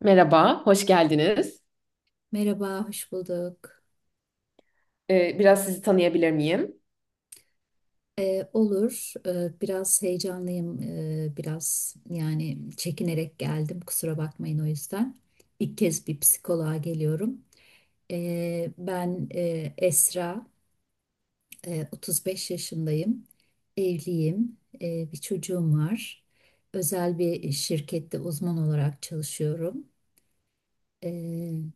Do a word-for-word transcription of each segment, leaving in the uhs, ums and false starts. Merhaba, hoş geldiniz. Merhaba, hoş bulduk. Ee, biraz sizi tanıyabilir miyim? Ee, olur. Ee, biraz heyecanlıyım, Ee, biraz yani çekinerek geldim, kusura bakmayın o yüzden. İlk kez bir psikoloğa geliyorum. Ee, ben e, Esra, Ee, otuz beş yaşındayım, evliyim, Ee, bir çocuğum var. Özel bir şirkette uzman olarak çalışıyorum. Ee,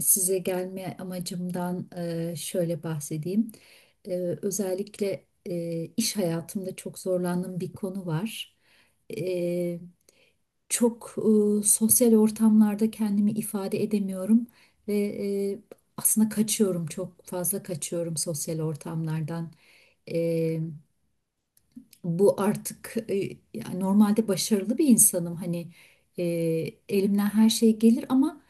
Size gelme amacımdan e, şöyle bahsedeyim. E, Özellikle e, iş hayatımda çok zorlandığım bir konu var. E, Çok e, sosyal ortamlarda kendimi ifade edemiyorum ve e, aslında kaçıyorum, çok fazla kaçıyorum sosyal ortamlardan bu artık e, yani normalde başarılı bir insanım hani, e, elimden her şey gelir ama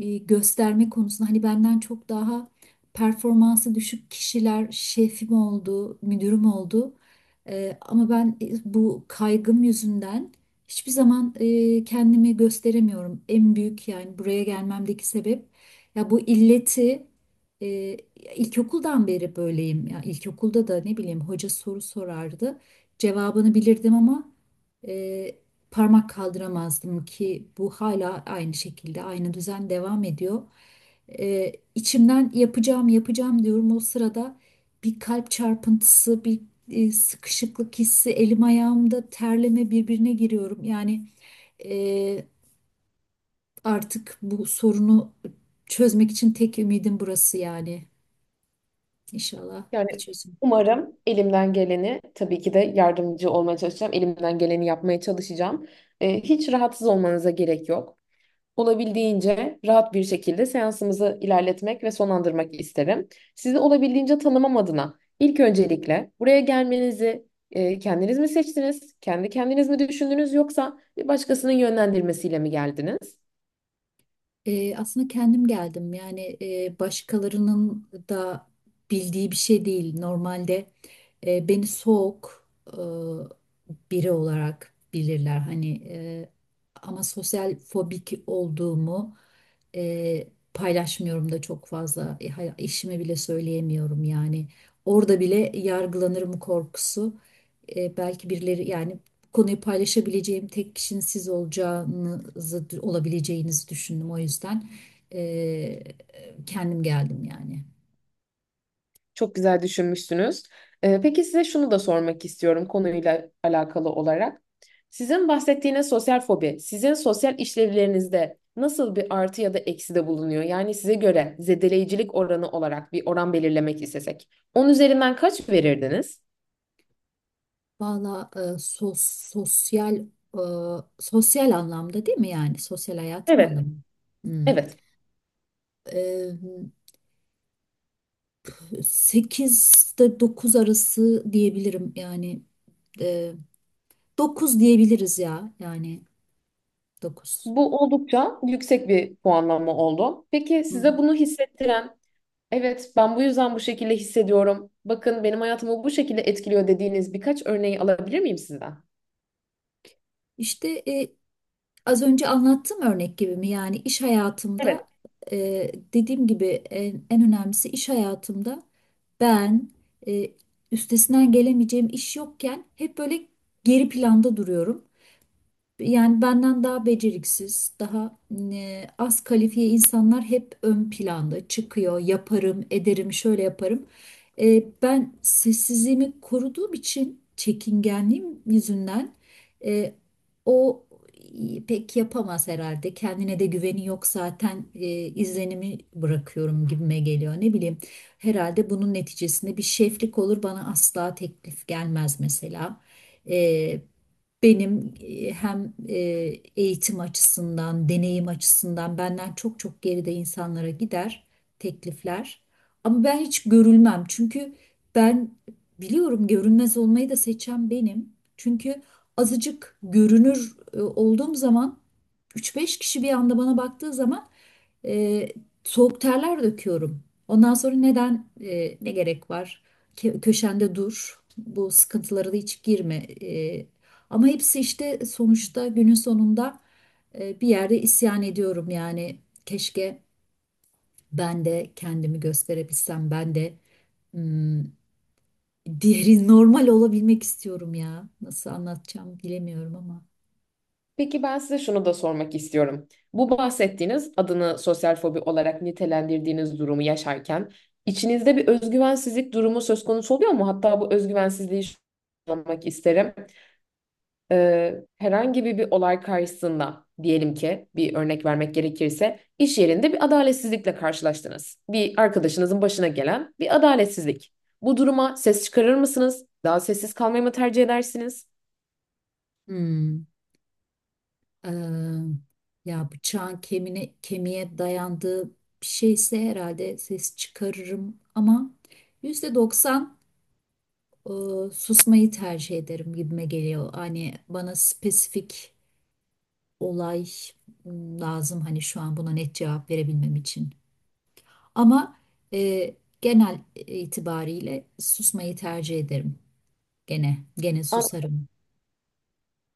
e, gösterme konusunda hani benden çok daha performansı düşük kişiler şefim oldu, müdürüm oldu. E, ama ben e, bu kaygım yüzünden hiçbir zaman e, kendimi gösteremiyorum. En büyük yani buraya gelmemdeki sebep ya bu illeti e, ilkokuldan beri böyleyim. Ya ilkokulda da ne bileyim hoca soru sorardı, cevabını bilirdim ama e, parmak kaldıramazdım ki bu hala aynı şekilde aynı düzen devam ediyor. E, içimden yapacağım yapacağım diyorum o sırada bir kalp çarpıntısı, bir e, sıkışıklık hissi, elim ayağımda terleme, birbirine giriyorum. Yani e, artık bu sorunu çözmek için tek ümidim burası yani. İnşallah Yani bir çözüm. umarım elimden geleni, tabii ki de yardımcı olmaya çalışacağım. Elimden geleni yapmaya çalışacağım. Ee, hiç rahatsız olmanıza gerek yok. Olabildiğince rahat bir şekilde seansımızı ilerletmek ve sonlandırmak isterim. Sizi olabildiğince tanımam adına ilk öncelikle buraya gelmenizi e, kendiniz mi seçtiniz? Kendi kendiniz mi düşündünüz yoksa bir başkasının yönlendirmesiyle mi geldiniz? E, aslında kendim geldim. Yani e, başkalarının da bildiği bir şey değil. Normalde e, beni soğuk e, biri olarak bilirler. Hani e, ama sosyal fobik olduğumu e, paylaşmıyorum da çok fazla. E, hay- eşime bile söyleyemiyorum yani. Orada bile yargılanırım korkusu. E, belki birileri yani konuyu paylaşabileceğim tek kişinin siz olacağınızı, olabileceğinizi düşündüm. O yüzden e, kendim geldim yani. Çok güzel düşünmüşsünüz. Ee, peki size şunu da sormak istiyorum konuyla alakalı olarak. Sizin bahsettiğiniz sosyal fobi, sizin sosyal işlevlerinizde nasıl bir artı ya da eksi de bulunuyor? Yani size göre zedeleyicilik oranı olarak bir oran belirlemek istesek, on üzerinden kaç verirdiniz? Valla e, sos, sosyal, e, sosyal anlamda değil mi yani? Sosyal hayatım Evet. anlamında? Hmm. Evet, E, sekizde dokuz arası diyebilirim yani. E, dokuz diyebiliriz ya yani, dokuz. bu oldukça yüksek bir puanlama oldu. Peki Hı size hı. bunu hissettiren, evet ben bu yüzden bu şekilde hissediyorum, bakın benim hayatımı bu şekilde etkiliyor dediğiniz birkaç örneği alabilir miyim sizden? İşte e, az önce anlattığım örnek gibi mi? Yani iş Evet. hayatımda, e, dediğim gibi en, en önemlisi iş hayatımda ben e, üstesinden gelemeyeceğim iş yokken hep böyle geri planda duruyorum. Yani benden daha beceriksiz, daha e, az kalifiye insanlar hep ön planda çıkıyor. Yaparım, ederim, şöyle yaparım. E, ben sessizliğimi koruduğum için, çekingenliğim yüzünden, e, o pek yapamaz herhalde. Kendine de güveni yok zaten e, izlenimi bırakıyorum gibime geliyor. Ne bileyim, herhalde bunun neticesinde bir şeflik olur bana asla teklif gelmez mesela. Benim e, hem e, eğitim açısından, deneyim açısından benden çok çok geride insanlara gider teklifler. Ama ben hiç görülmem. Çünkü ben biliyorum, görünmez olmayı da seçen benim. Çünkü azıcık görünür e, olduğum zaman, üç beş kişi bir anda bana baktığı zaman e, soğuk terler döküyorum. Ondan sonra neden e, ne gerek var? Ke- köşende dur. Bu sıkıntılara da hiç girme. E, Ama hepsi işte sonuçta günün sonunda e, bir yerde isyan ediyorum yani. Keşke ben de kendimi gösterebilsem. Ben de hmm, diğeri normal olabilmek istiyorum ya. Nasıl anlatacağım bilemiyorum ama. Peki ben size şunu da sormak istiyorum. Bu bahsettiğiniz adını sosyal fobi olarak nitelendirdiğiniz durumu yaşarken içinizde bir özgüvensizlik durumu söz konusu oluyor mu? Hatta bu özgüvensizliği şu- anlamak isterim. Ee, herhangi bir, bir olay karşısında diyelim ki bir örnek vermek gerekirse iş yerinde bir adaletsizlikle karşılaştınız. Bir arkadaşınızın başına gelen bir adaletsizlik. Bu duruma ses çıkarır mısınız? Daha sessiz kalmayı mı tercih edersiniz? Hmm, e, ya bıçağın kemiğine, kemiğe dayandığı bir şeyse herhalde ses çıkarırım ama yüzde doksan e, susmayı tercih ederim gibime geliyor. Hani bana spesifik olay m, lazım hani şu an buna net cevap verebilmem için. Ama e, genel itibariyle susmayı tercih ederim. Gene gene susarım.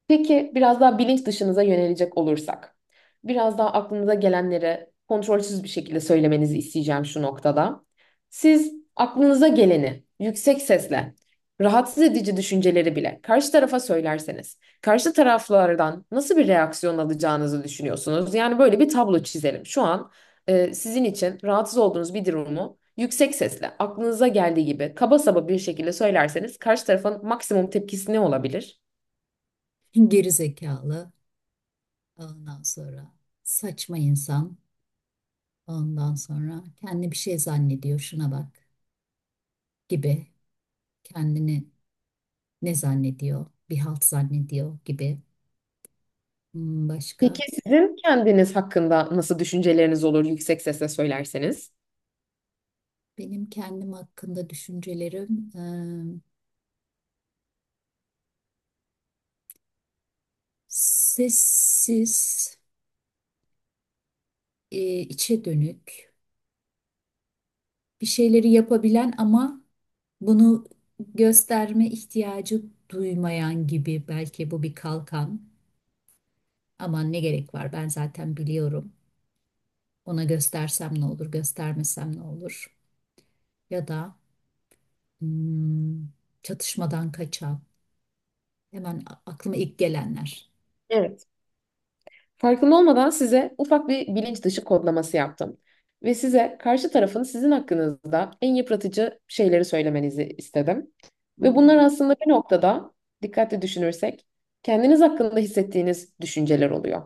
Peki biraz daha bilinç dışınıza yönelecek olursak, biraz daha aklınıza gelenleri kontrolsüz bir şekilde söylemenizi isteyeceğim şu noktada. Siz aklınıza geleni yüksek sesle, rahatsız edici düşünceleri bile karşı tarafa söylerseniz, karşı taraflardan nasıl bir reaksiyon alacağınızı düşünüyorsunuz? Yani böyle bir tablo çizelim. Şu an e, sizin için rahatsız olduğunuz bir durumu yüksek sesle, aklınıza geldiği gibi kaba saba bir şekilde söylerseniz karşı tarafın maksimum tepkisi ne olabilir? Geri zekalı, ondan sonra saçma insan, ondan sonra kendi bir şey zannediyor, şuna bak gibi. Kendini ne zannediyor? Bir halt zannediyor gibi. Hmm, başka Peki sizin kendiniz hakkında nasıl düşünceleriniz olur yüksek sesle söylerseniz? benim kendim hakkında düşüncelerim e, sessiz, e, içe dönük, bir şeyleri yapabilen ama bunu gösterme ihtiyacı duymayan gibi, belki bu bir kalkan. Aman ne gerek var, ben zaten biliyorum. Ona göstersem ne olur, göstermesem ne olur? Ya da hmm, çatışmadan kaçan. Hemen a- aklıma ilk gelenler. Evet. Farkında olmadan size ufak bir bilinç dışı kodlaması yaptım. Ve size karşı tarafın sizin hakkınızda en yıpratıcı şeyleri söylemenizi istedim. Hı Ve hı, bunlar aslında bir noktada dikkatli düşünürsek kendiniz hakkında hissettiğiniz düşünceler oluyor.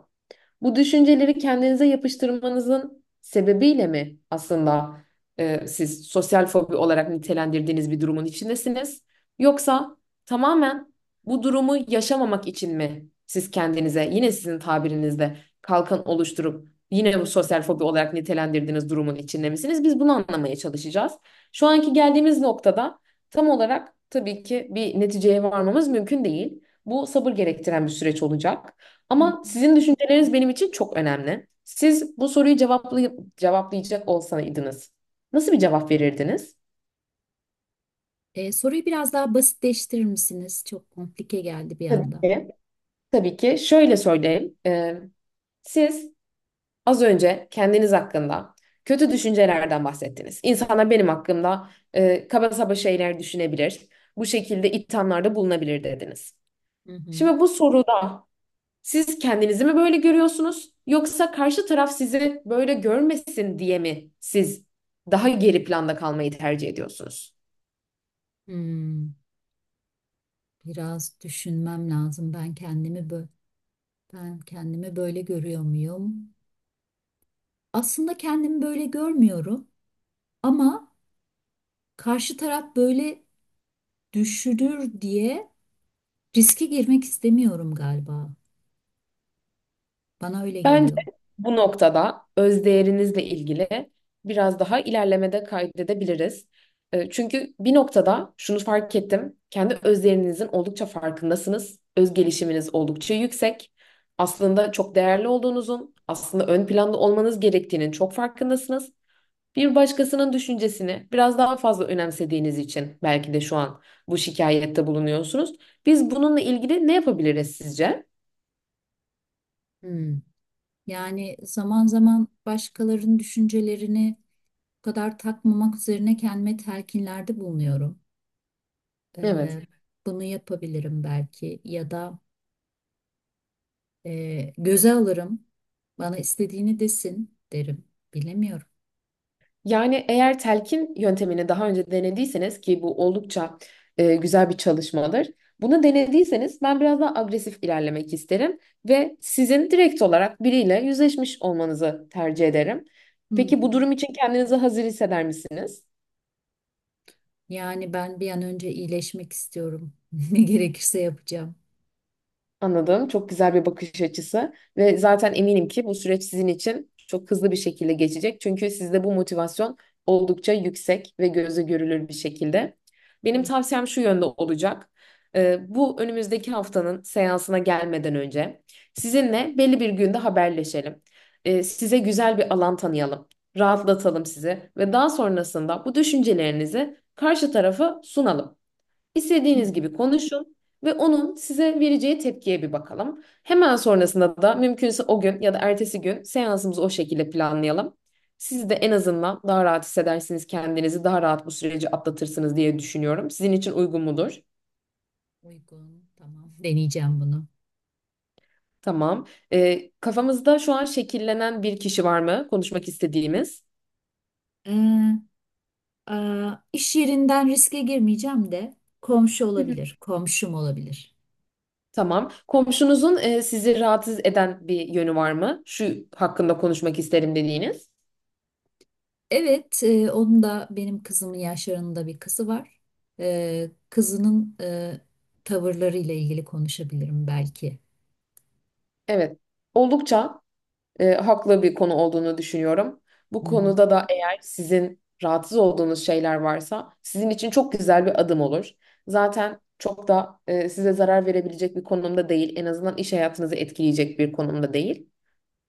Bu düşünceleri kendinize yapıştırmanızın sebebiyle mi aslında e, siz sosyal fobi olarak nitelendirdiğiniz bir durumun içindesiniz? Yoksa tamamen bu durumu yaşamamak için mi siz kendinize yine sizin tabirinizde kalkan oluşturup yine bu sosyal fobi olarak nitelendirdiğiniz durumun içinde misiniz? Biz bunu anlamaya çalışacağız. Şu anki geldiğimiz noktada tam olarak tabii ki bir neticeye varmamız mümkün değil. Bu sabır gerektiren bir süreç olacak. hı Ama hı. sizin düşünceleriniz benim için çok önemli. Siz bu soruyu cevaplayıp cevaplayacak olsaydınız nasıl bir cevap verirdiniz? E, soruyu biraz daha basitleştirir misiniz? Çok komplike geldi bir Tabii anda. ki. Tabii ki şöyle söyleyeyim. Ee, siz az önce kendiniz hakkında kötü düşüncelerden bahsettiniz. İnsanlar benim hakkımda e, kaba saba şeyler düşünebilir. Bu şekilde ithamlarda bulunabilir dediniz. Hı hı. Şimdi bu soruda siz kendinizi mi böyle görüyorsunuz? Yoksa karşı taraf sizi böyle görmesin diye mi siz daha geri planda kalmayı tercih ediyorsunuz? Hmm. Biraz düşünmem lazım. Ben kendimi bö- ben kendimi böyle görüyor muyum? Aslında kendimi böyle görmüyorum ama karşı taraf böyle düşünür diye riske girmek istemiyorum galiba. Bana öyle Bence geliyor. bu noktada özdeğerinizle ilgili biraz daha ilerlemede kaydedebiliriz. E, Çünkü bir noktada şunu fark ettim. Kendi özdeğerinizin oldukça farkındasınız. Öz gelişiminiz oldukça yüksek. Aslında çok değerli olduğunuzun, aslında ön planda olmanız gerektiğinin çok farkındasınız. Bir başkasının düşüncesini biraz daha fazla önemsediğiniz için belki de şu an bu şikayette bulunuyorsunuz. Biz bununla ilgili ne yapabiliriz sizce? Hmm. Yani zaman zaman başkalarının düşüncelerini bu kadar takmamak üzerine kendime telkinlerde bulunuyorum. Evet. Ee, Bunu yapabilirim belki ya da Ee, göze alırım. Bana istediğini desin derim. Bilemiyorum. Yani eğer telkin yöntemini daha önce denediyseniz ki bu oldukça e, güzel bir çalışmadır. Bunu denediyseniz ben biraz daha agresif ilerlemek isterim ve sizin direkt olarak biriyle yüzleşmiş olmanızı tercih ederim. Hı Peki bu hı. durum için kendinizi hazır hisseder misiniz? Yani ben bir an önce iyileşmek istiyorum. Ne gerekirse yapacağım. Anladım. Çok güzel bir bakış açısı ve zaten eminim ki bu süreç sizin için çok hızlı bir şekilde geçecek. Çünkü sizde bu motivasyon oldukça yüksek ve gözle görülür bir şekilde. Benim Hı tavsiyem şu yönde olacak. Ee, bu önümüzdeki haftanın seansına gelmeden önce sizinle belli bir günde haberleşelim. Ee, size güzel bir alan tanıyalım, rahatlatalım sizi ve daha sonrasında bu düşüncelerinizi karşı tarafa sunalım. hı hı hı İstediğiniz gibi konuşun ve onun size vereceği tepkiye bir bakalım. Hemen hı sonrasında da mümkünse o gün ya da ertesi gün seansımızı o şekilde planlayalım. hı Siz de hı. en azından daha rahat hissedersiniz kendinizi, daha rahat bu süreci atlatırsınız diye düşünüyorum. Sizin için uygun mudur? Uygun, tamam. Deneyeceğim bunu. Tamam. Ee, kafamızda şu an şekillenen bir kişi var mı konuşmak istediğimiz? Ee, aa, iş yerinden riske girmeyeceğim de komşu olabilir, komşum olabilir. Tamam. Komşunuzun e, sizi rahatsız eden bir yönü var mı? Şu hakkında konuşmak isterim dediğiniz. Evet, e, onun da benim kızımın yaşlarında bir kızı var. Ee, kızının e, tavırlarıyla ilgili konuşabilirim belki. Evet. Oldukça e, haklı bir konu olduğunu düşünüyorum. Bu Hı hı. konuda da eğer sizin rahatsız olduğunuz şeyler varsa sizin için çok güzel bir adım olur. Zaten çok da e, size zarar verebilecek bir konumda değil. En azından iş hayatınızı etkileyecek bir konumda değil.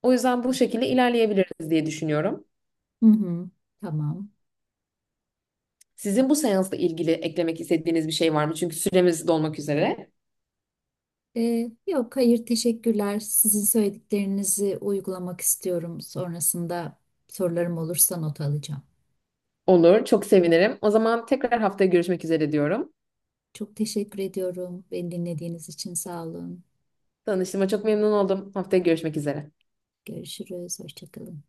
O yüzden bu şekilde ilerleyebiliriz diye düşünüyorum. Hı hı, tamam. Sizin bu seansla ilgili eklemek istediğiniz bir şey var mı? Çünkü süremiz dolmak üzere. Ee, yok, hayır, teşekkürler. Sizin söylediklerinizi uygulamak istiyorum. Sonrasında sorularım olursa not alacağım. Olur, çok sevinirim. O zaman tekrar haftaya görüşmek üzere diyorum. Çok teşekkür ediyorum. Beni dinlediğiniz için sağ olun. Tanıştığıma çok memnun oldum. Haftaya görüşmek üzere. Görüşürüz. Hoşça kalın.